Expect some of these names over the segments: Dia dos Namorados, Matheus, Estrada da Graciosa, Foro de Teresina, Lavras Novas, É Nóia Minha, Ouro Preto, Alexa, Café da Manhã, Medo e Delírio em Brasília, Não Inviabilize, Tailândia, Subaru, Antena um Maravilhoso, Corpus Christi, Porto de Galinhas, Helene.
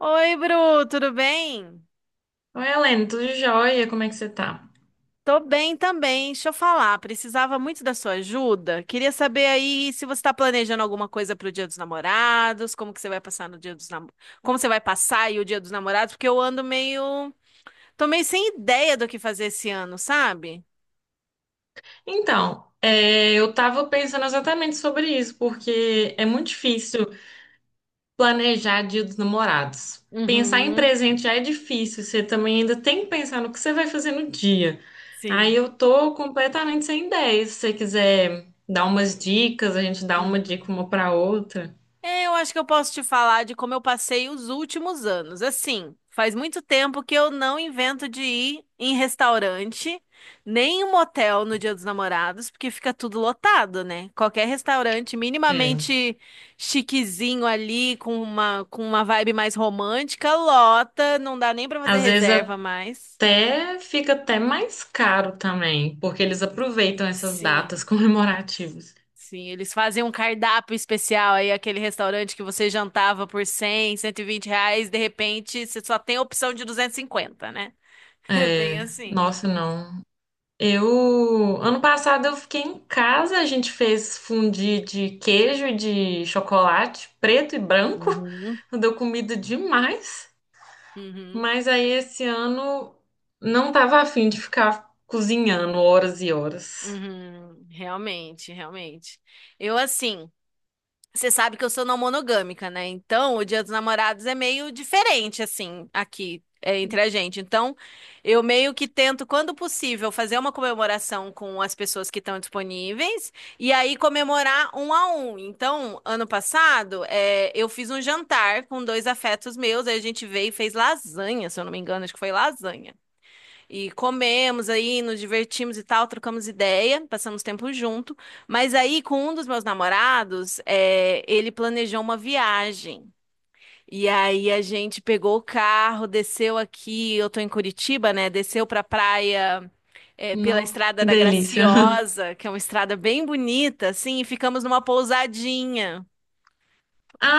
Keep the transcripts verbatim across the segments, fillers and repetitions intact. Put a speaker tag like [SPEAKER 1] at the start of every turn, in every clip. [SPEAKER 1] Oi, Bru, tudo bem?
[SPEAKER 2] Oi, Helene, tudo jóia? Como é que você tá?
[SPEAKER 1] Tô bem também. Deixa eu falar, precisava muito da sua ajuda. Queria saber aí se você está planejando alguma coisa para o Dia dos Namorados, como que você vai passar no Dia dos Nam... como você vai passar aí o Dia dos Namorados, porque eu ando meio, tô meio sem ideia do que fazer esse ano, sabe?
[SPEAKER 2] Então, é, eu tava pensando exatamente sobre isso, porque é muito difícil planejar Dia dos Namorados. Pensar em
[SPEAKER 1] Uhum.
[SPEAKER 2] presente já é difícil, você também ainda tem que pensar no que você vai fazer no dia. Aí
[SPEAKER 1] Sim.
[SPEAKER 2] eu tô completamente sem ideia. Se você quiser dar umas dicas, a gente dá uma dica uma pra outra.
[SPEAKER 1] É, eu acho que eu posso te falar de como eu passei os últimos anos. Assim, faz muito tempo que eu não invento de ir em restaurante, nem em motel no Dia dos Namorados, porque fica tudo lotado, né? Qualquer restaurante
[SPEAKER 2] É.
[SPEAKER 1] minimamente chiquezinho ali, com uma, com uma vibe mais romântica, lota, não dá nem pra fazer
[SPEAKER 2] Às vezes
[SPEAKER 1] reserva mais.
[SPEAKER 2] até fica até mais caro também, porque eles aproveitam essas
[SPEAKER 1] Sim.
[SPEAKER 2] datas comemorativas.
[SPEAKER 1] Sim, eles fazem um cardápio especial aí, aquele restaurante que você jantava por cem, cento e vinte reais, de repente você só tem a opção de duzentos e cinquenta, né? É bem
[SPEAKER 2] É,
[SPEAKER 1] assim.
[SPEAKER 2] nossa, não. Eu, ano passado eu fiquei em casa, a gente fez fondue de queijo e de chocolate preto e branco.
[SPEAKER 1] Uhum.
[SPEAKER 2] Deu comida demais.
[SPEAKER 1] Uhum,
[SPEAKER 2] Mas aí esse ano não tava afim de ficar cozinhando horas e horas.
[SPEAKER 1] uhum, realmente, realmente. Eu assim. Você sabe que eu sou não monogâmica, né? Então, o Dia dos Namorados é meio diferente, assim, aqui, é, entre a gente. Então, eu meio que tento, quando possível, fazer uma comemoração com as pessoas que estão disponíveis e aí comemorar um a um. Então, ano passado, é, eu fiz um jantar com dois afetos meus, aí a gente veio e fez lasanha, se eu não me engano, acho que foi lasanha. E comemos aí, nos divertimos e tal, trocamos ideia, passamos tempo junto. Mas aí, com um dos meus namorados, é, ele planejou uma viagem. E aí a gente pegou o carro, desceu aqui, eu tô em Curitiba, né? Desceu pra praia, é, pela
[SPEAKER 2] Não,
[SPEAKER 1] Estrada
[SPEAKER 2] que
[SPEAKER 1] da
[SPEAKER 2] delícia.
[SPEAKER 1] Graciosa, que é uma estrada bem bonita, assim, e ficamos numa pousadinha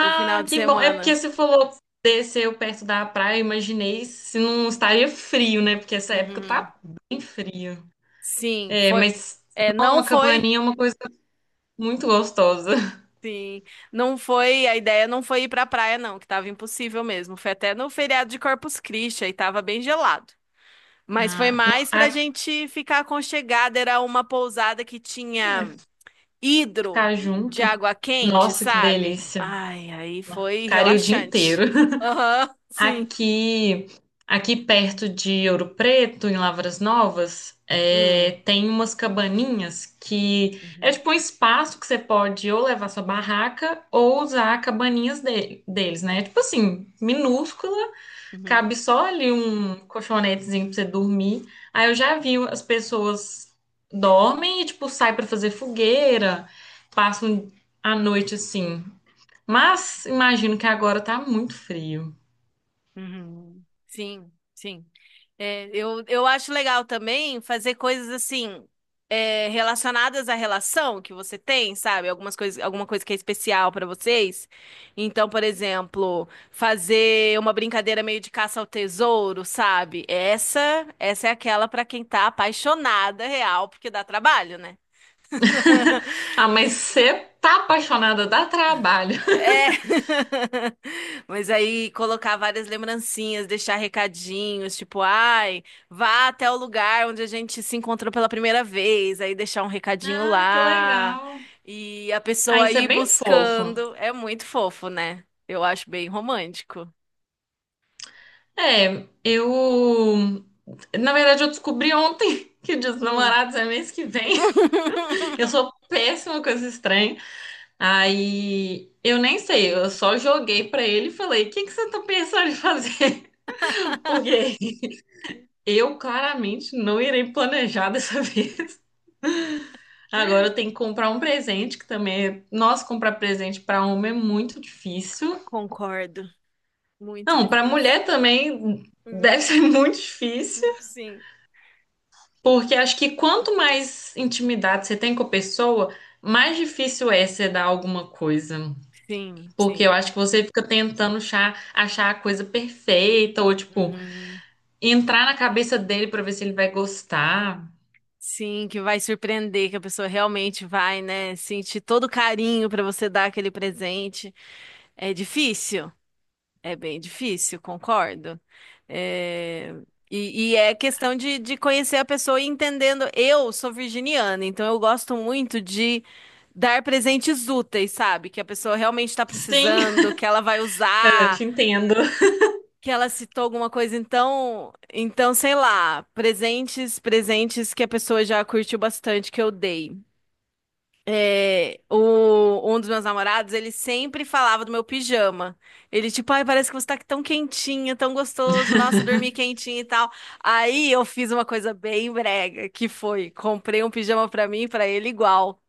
[SPEAKER 1] o final de
[SPEAKER 2] que bom. É porque
[SPEAKER 1] semana.
[SPEAKER 2] você falou desceu perto da praia, eu imaginei se não estaria frio, né? Porque essa época
[SPEAKER 1] Uhum.
[SPEAKER 2] tá bem frio.
[SPEAKER 1] Sim,
[SPEAKER 2] É,
[SPEAKER 1] foi.
[SPEAKER 2] mas
[SPEAKER 1] É,
[SPEAKER 2] não,
[SPEAKER 1] não
[SPEAKER 2] uma
[SPEAKER 1] foi.
[SPEAKER 2] cabaninha é uma coisa muito gostosa.
[SPEAKER 1] Sim, não foi, a ideia não foi ir pra praia não, que tava impossível mesmo. Foi até no feriado de Corpus Christi, aí tava bem gelado. Mas foi
[SPEAKER 2] Ah, não,
[SPEAKER 1] mais pra
[SPEAKER 2] ah,
[SPEAKER 1] gente ficar aconchegada, era uma pousada que tinha hidro
[SPEAKER 2] ficar
[SPEAKER 1] de
[SPEAKER 2] junto.
[SPEAKER 1] água quente,
[SPEAKER 2] Nossa, que
[SPEAKER 1] sabe?
[SPEAKER 2] delícia.
[SPEAKER 1] Ai, aí foi
[SPEAKER 2] Ficaria o dia inteiro.
[SPEAKER 1] relaxante. Aham, sim.
[SPEAKER 2] Aqui, aqui perto de Ouro Preto, em Lavras Novas,
[SPEAKER 1] Hum.
[SPEAKER 2] é, tem umas cabaninhas que é
[SPEAKER 1] Uhum,
[SPEAKER 2] tipo um espaço que você pode ou levar sua barraca ou usar cabaninhas de- deles, né? Tipo assim, minúscula.
[SPEAKER 1] uhum.
[SPEAKER 2] Cabe só ali um colchonetezinho pra você dormir. Aí eu já vi as pessoas dormem e, tipo, saem pra fazer fogueira, passam a noite assim. Mas imagino que agora tá muito frio.
[SPEAKER 1] Uhum. Sim, sim. É, eu, eu acho legal também fazer coisas assim, é, relacionadas à relação que você tem, sabe? Algumas coisas, alguma coisa que é especial pra vocês. Então, por exemplo, fazer uma brincadeira meio de caça ao tesouro, sabe? Essa, essa é aquela pra quem tá apaixonada real, porque dá trabalho, né?
[SPEAKER 2] Ah, mas você tá apaixonada, dá trabalho.
[SPEAKER 1] É. Mas aí colocar várias lembrancinhas, deixar recadinhos, tipo, ai, vá até o lugar onde a gente se encontrou pela primeira vez, aí deixar um recadinho
[SPEAKER 2] Ah, que
[SPEAKER 1] lá.
[SPEAKER 2] legal.
[SPEAKER 1] E a
[SPEAKER 2] Ah,
[SPEAKER 1] pessoa
[SPEAKER 2] isso é
[SPEAKER 1] ir
[SPEAKER 2] bem fofo.
[SPEAKER 1] buscando. É muito fofo, né? Eu acho bem romântico.
[SPEAKER 2] É, eu. Na verdade, eu descobri ontem que o Dia dos
[SPEAKER 1] Hum.
[SPEAKER 2] Namorados é mês que vem. Eu sou péssima com esses trem. Aí eu nem sei, eu só joguei pra ele e falei: o que que você tá pensando em fazer? Porque eu claramente não irei planejar dessa vez. Agora eu tenho que comprar um presente, que também é. Nossa, comprar presente pra homem é muito difícil.
[SPEAKER 1] Concordo. Muito
[SPEAKER 2] Não, pra
[SPEAKER 1] difícil.
[SPEAKER 2] mulher também deve
[SPEAKER 1] Uhum.
[SPEAKER 2] ser muito difícil,
[SPEAKER 1] Sim.
[SPEAKER 2] porque acho que quanto mais intimidade você tem com a pessoa, mais difícil é você dar alguma coisa.
[SPEAKER 1] Sim,
[SPEAKER 2] Porque eu
[SPEAKER 1] sim.
[SPEAKER 2] acho que você fica tentando achar, achar a coisa perfeita, ou tipo,
[SPEAKER 1] Uhum.
[SPEAKER 2] entrar na cabeça dele pra ver se ele vai gostar.
[SPEAKER 1] Sim, que vai surpreender, que a pessoa realmente vai, né, sentir todo o carinho para você dar aquele presente. É difícil, é bem difícil, concordo. É, E, e é questão de, de conhecer a pessoa e entendendo. Eu sou virginiana, então eu gosto muito de dar presentes úteis, sabe? Que a pessoa realmente está
[SPEAKER 2] Sim,
[SPEAKER 1] precisando, que ela vai
[SPEAKER 2] eu
[SPEAKER 1] usar,
[SPEAKER 2] te entendo.
[SPEAKER 1] que ela citou alguma coisa. Então, então, sei lá, presentes, presentes que a pessoa já curtiu bastante que eu dei. É, o, um dos meus namorados, ele sempre falava do meu pijama. Ele, tipo, ai, parece que você tá tão quentinha, tão gostoso, nossa, dormi quentinha e tal. Aí eu fiz uma coisa bem brega, que foi, comprei um pijama pra mim e pra ele igual.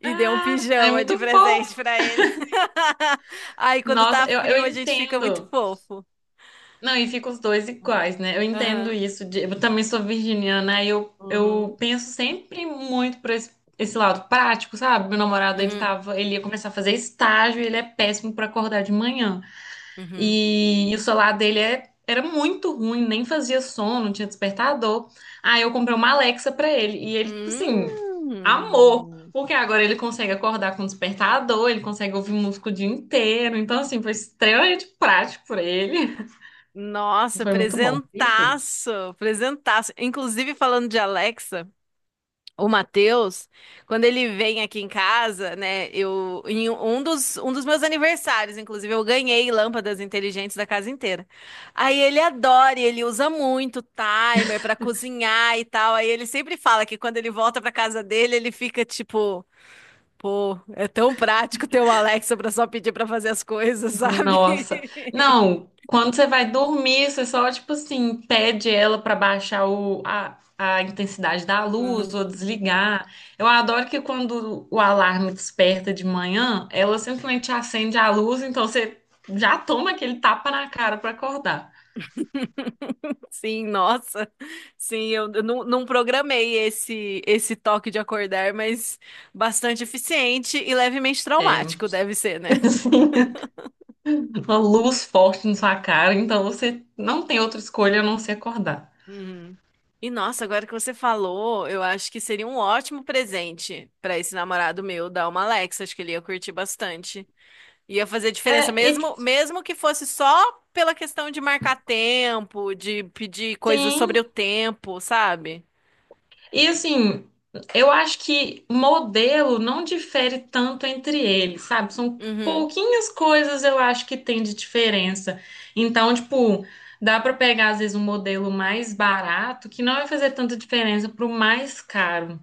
[SPEAKER 1] E dei um
[SPEAKER 2] Ah, é
[SPEAKER 1] pijama de
[SPEAKER 2] muito
[SPEAKER 1] presente
[SPEAKER 2] fofo.
[SPEAKER 1] pra ele. Aí quando
[SPEAKER 2] Nossa,
[SPEAKER 1] tá
[SPEAKER 2] eu, eu
[SPEAKER 1] frio, a gente fica muito
[SPEAKER 2] entendo.
[SPEAKER 1] fofo.
[SPEAKER 2] Não, e fica os dois iguais, né? Eu entendo
[SPEAKER 1] Aham.
[SPEAKER 2] isso. De- eu também sou virginiana, aí eu, eu
[SPEAKER 1] Uhum.
[SPEAKER 2] penso sempre muito por esse, esse lado prático, sabe? Meu namorado, ele
[SPEAKER 1] Uhum,
[SPEAKER 2] tava, ele ia começar a fazer estágio, e ele é péssimo pra acordar de manhã.
[SPEAKER 1] uhum.
[SPEAKER 2] E, e o celular dele é- era muito ruim, nem fazia som, não tinha despertador. Aí eu comprei uma Alexa pra ele. E ele, tipo assim, amor.
[SPEAKER 1] Hum.
[SPEAKER 2] Porque agora ele consegue acordar com despertador, ele consegue ouvir música o dia inteiro. Então, assim, foi extremamente prático pra ele.
[SPEAKER 1] Nossa,
[SPEAKER 2] Foi muito bom.
[SPEAKER 1] presentaço, presentaço. Inclusive, falando de Alexa, o Matheus, quando ele vem aqui em casa, né, eu, em um dos, um dos meus aniversários, inclusive, eu ganhei lâmpadas inteligentes da casa inteira. Aí ele adora, e ele usa muito timer para cozinhar e tal. Aí ele sempre fala que quando ele volta para casa dele, ele fica tipo, pô, é tão prático ter o Alexa para só pedir para fazer as coisas, sabe?
[SPEAKER 2] Nossa. Não, quando você vai dormir, você só, tipo assim, pede ela pra baixar o, a, a intensidade da luz ou desligar. Eu adoro que quando o alarme desperta de manhã, ela simplesmente acende a luz, então você já toma aquele tapa na cara pra acordar.
[SPEAKER 1] Sim, nossa. Sim, eu, eu não, não programei esse esse toque de acordar, mas bastante eficiente e levemente
[SPEAKER 2] É,
[SPEAKER 1] traumático deve ser, né?
[SPEAKER 2] assim, uma luz forte na sua cara, então você não tem outra escolha a não ser acordar.
[SPEAKER 1] Uhum. E nossa, agora que você falou, eu acho que seria um ótimo presente pra esse namorado meu dar uma Alexa, acho que ele ia curtir bastante. Ia fazer diferença
[SPEAKER 2] É, e
[SPEAKER 1] mesmo, mesmo que fosse só pela questão de marcar tempo, de pedir coisas sobre o
[SPEAKER 2] sim.
[SPEAKER 1] tempo, sabe?
[SPEAKER 2] E assim, eu acho que modelo não difere tanto entre eles, sabe? São
[SPEAKER 1] Uhum.
[SPEAKER 2] pouquinhas coisas eu acho que tem de diferença. Então, tipo, dá pra pegar às vezes um modelo mais barato que não vai fazer tanta diferença pro mais caro.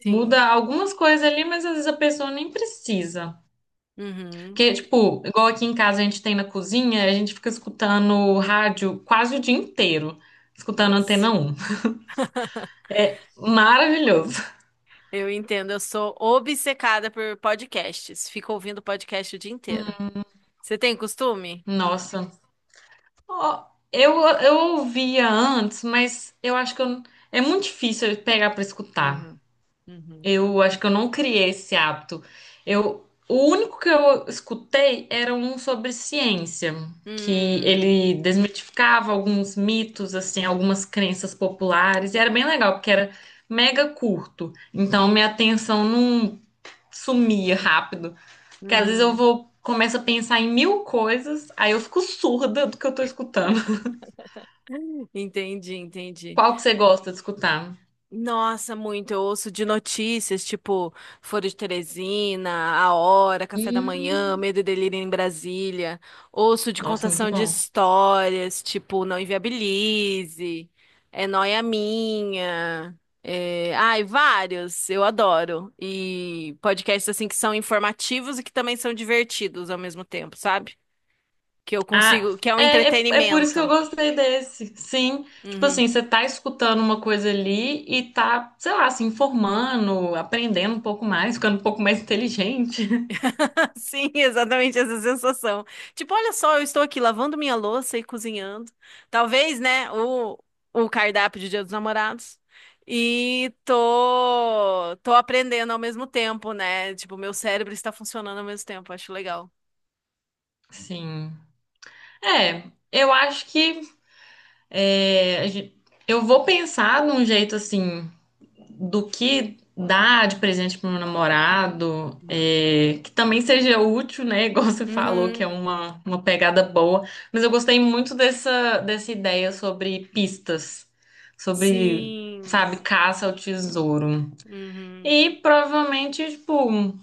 [SPEAKER 1] Sim.
[SPEAKER 2] Muda algumas coisas ali, mas às vezes a pessoa nem precisa.
[SPEAKER 1] Uhum.
[SPEAKER 2] Porque, tipo, igual aqui em casa a gente tem na cozinha, a gente fica escutando rádio quase o dia inteiro, escutando
[SPEAKER 1] Nossa.
[SPEAKER 2] Antena um Maravilhoso.
[SPEAKER 1] Eu entendo, eu, sou obcecada por podcasts. Fico ouvindo podcast o dia inteiro. Você tem costume?
[SPEAKER 2] Nossa. Ó, eu, eu ouvia antes, mas eu acho que eu, é muito difícil eu pegar pra escutar.
[SPEAKER 1] Uhum. Uhum.
[SPEAKER 2] Eu acho que eu não criei esse hábito. Eu, o único que eu escutei era um sobre ciência, que
[SPEAKER 1] Hum,
[SPEAKER 2] ele desmitificava alguns mitos, assim, algumas crenças populares, e era bem legal, porque era mega curto. Então minha atenção não sumia rápido, porque às vezes eu
[SPEAKER 1] uhum.
[SPEAKER 2] vou começo a pensar em mil coisas, aí eu fico surda do que eu tô escutando.
[SPEAKER 1] Entendi, entendi.
[SPEAKER 2] Qual que você gosta de escutar?
[SPEAKER 1] Nossa, muito. Eu ouço de notícias, tipo Foro de Teresina, A Hora, Café da Manhã,
[SPEAKER 2] Hum,
[SPEAKER 1] Medo e Delírio em Brasília. Ouço de
[SPEAKER 2] nossa, muito
[SPEAKER 1] contação de
[SPEAKER 2] bom.
[SPEAKER 1] histórias, tipo Não Inviabilize, É Nóia Minha. É... Ai, vários. Eu adoro. E podcasts assim que são informativos e que também são divertidos ao mesmo tempo, sabe? Que eu
[SPEAKER 2] Ah,
[SPEAKER 1] consigo, que é um
[SPEAKER 2] é, é, é por isso que eu
[SPEAKER 1] entretenimento.
[SPEAKER 2] gostei desse. Sim, tipo
[SPEAKER 1] Uhum.
[SPEAKER 2] assim, você tá escutando uma coisa ali e tá, sei lá, se informando, aprendendo um pouco mais, ficando um pouco mais inteligente.
[SPEAKER 1] Sim, exatamente essa sensação. Tipo, olha só, eu estou aqui lavando minha louça e cozinhando. Talvez, né, o, o cardápio de Dia dos Namorados. E tô, tô aprendendo ao mesmo tempo, né? Tipo, meu cérebro está funcionando ao mesmo tempo. Acho legal.
[SPEAKER 2] Sim. É, eu acho que é, a gen- eu vou pensar num jeito assim do que dar de presente pro meu namorado,
[SPEAKER 1] Uhum.
[SPEAKER 2] é, que também seja útil, né? Igual você falou, que é
[SPEAKER 1] Uhum,
[SPEAKER 2] uma, uma pegada boa. Mas eu gostei muito dessa, dessa ideia sobre pistas, sobre,
[SPEAKER 1] sim.
[SPEAKER 2] sabe, caça ao tesouro.
[SPEAKER 1] Uhum,
[SPEAKER 2] E provavelmente, tipo,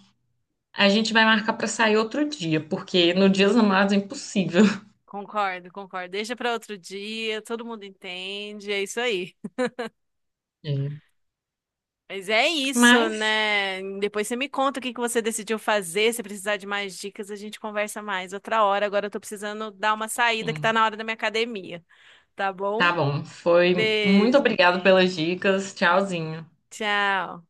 [SPEAKER 2] a gente vai marcar pra sair outro dia, porque no Dia dos Namorados é impossível.
[SPEAKER 1] concordo, concordo. Deixa para outro dia, todo mundo entende. É isso aí.
[SPEAKER 2] É.
[SPEAKER 1] Mas é isso,
[SPEAKER 2] Mas,
[SPEAKER 1] né? Depois você me conta o que que você decidiu fazer. Se precisar de mais dicas, a gente conversa mais outra hora. Agora eu tô precisando dar uma saída que tá
[SPEAKER 2] enfim,
[SPEAKER 1] na hora da minha academia, tá
[SPEAKER 2] tá
[SPEAKER 1] bom?
[SPEAKER 2] bom. Foi muito
[SPEAKER 1] Beijo.
[SPEAKER 2] obrigado pelas dicas. Tchauzinho.
[SPEAKER 1] Tchau.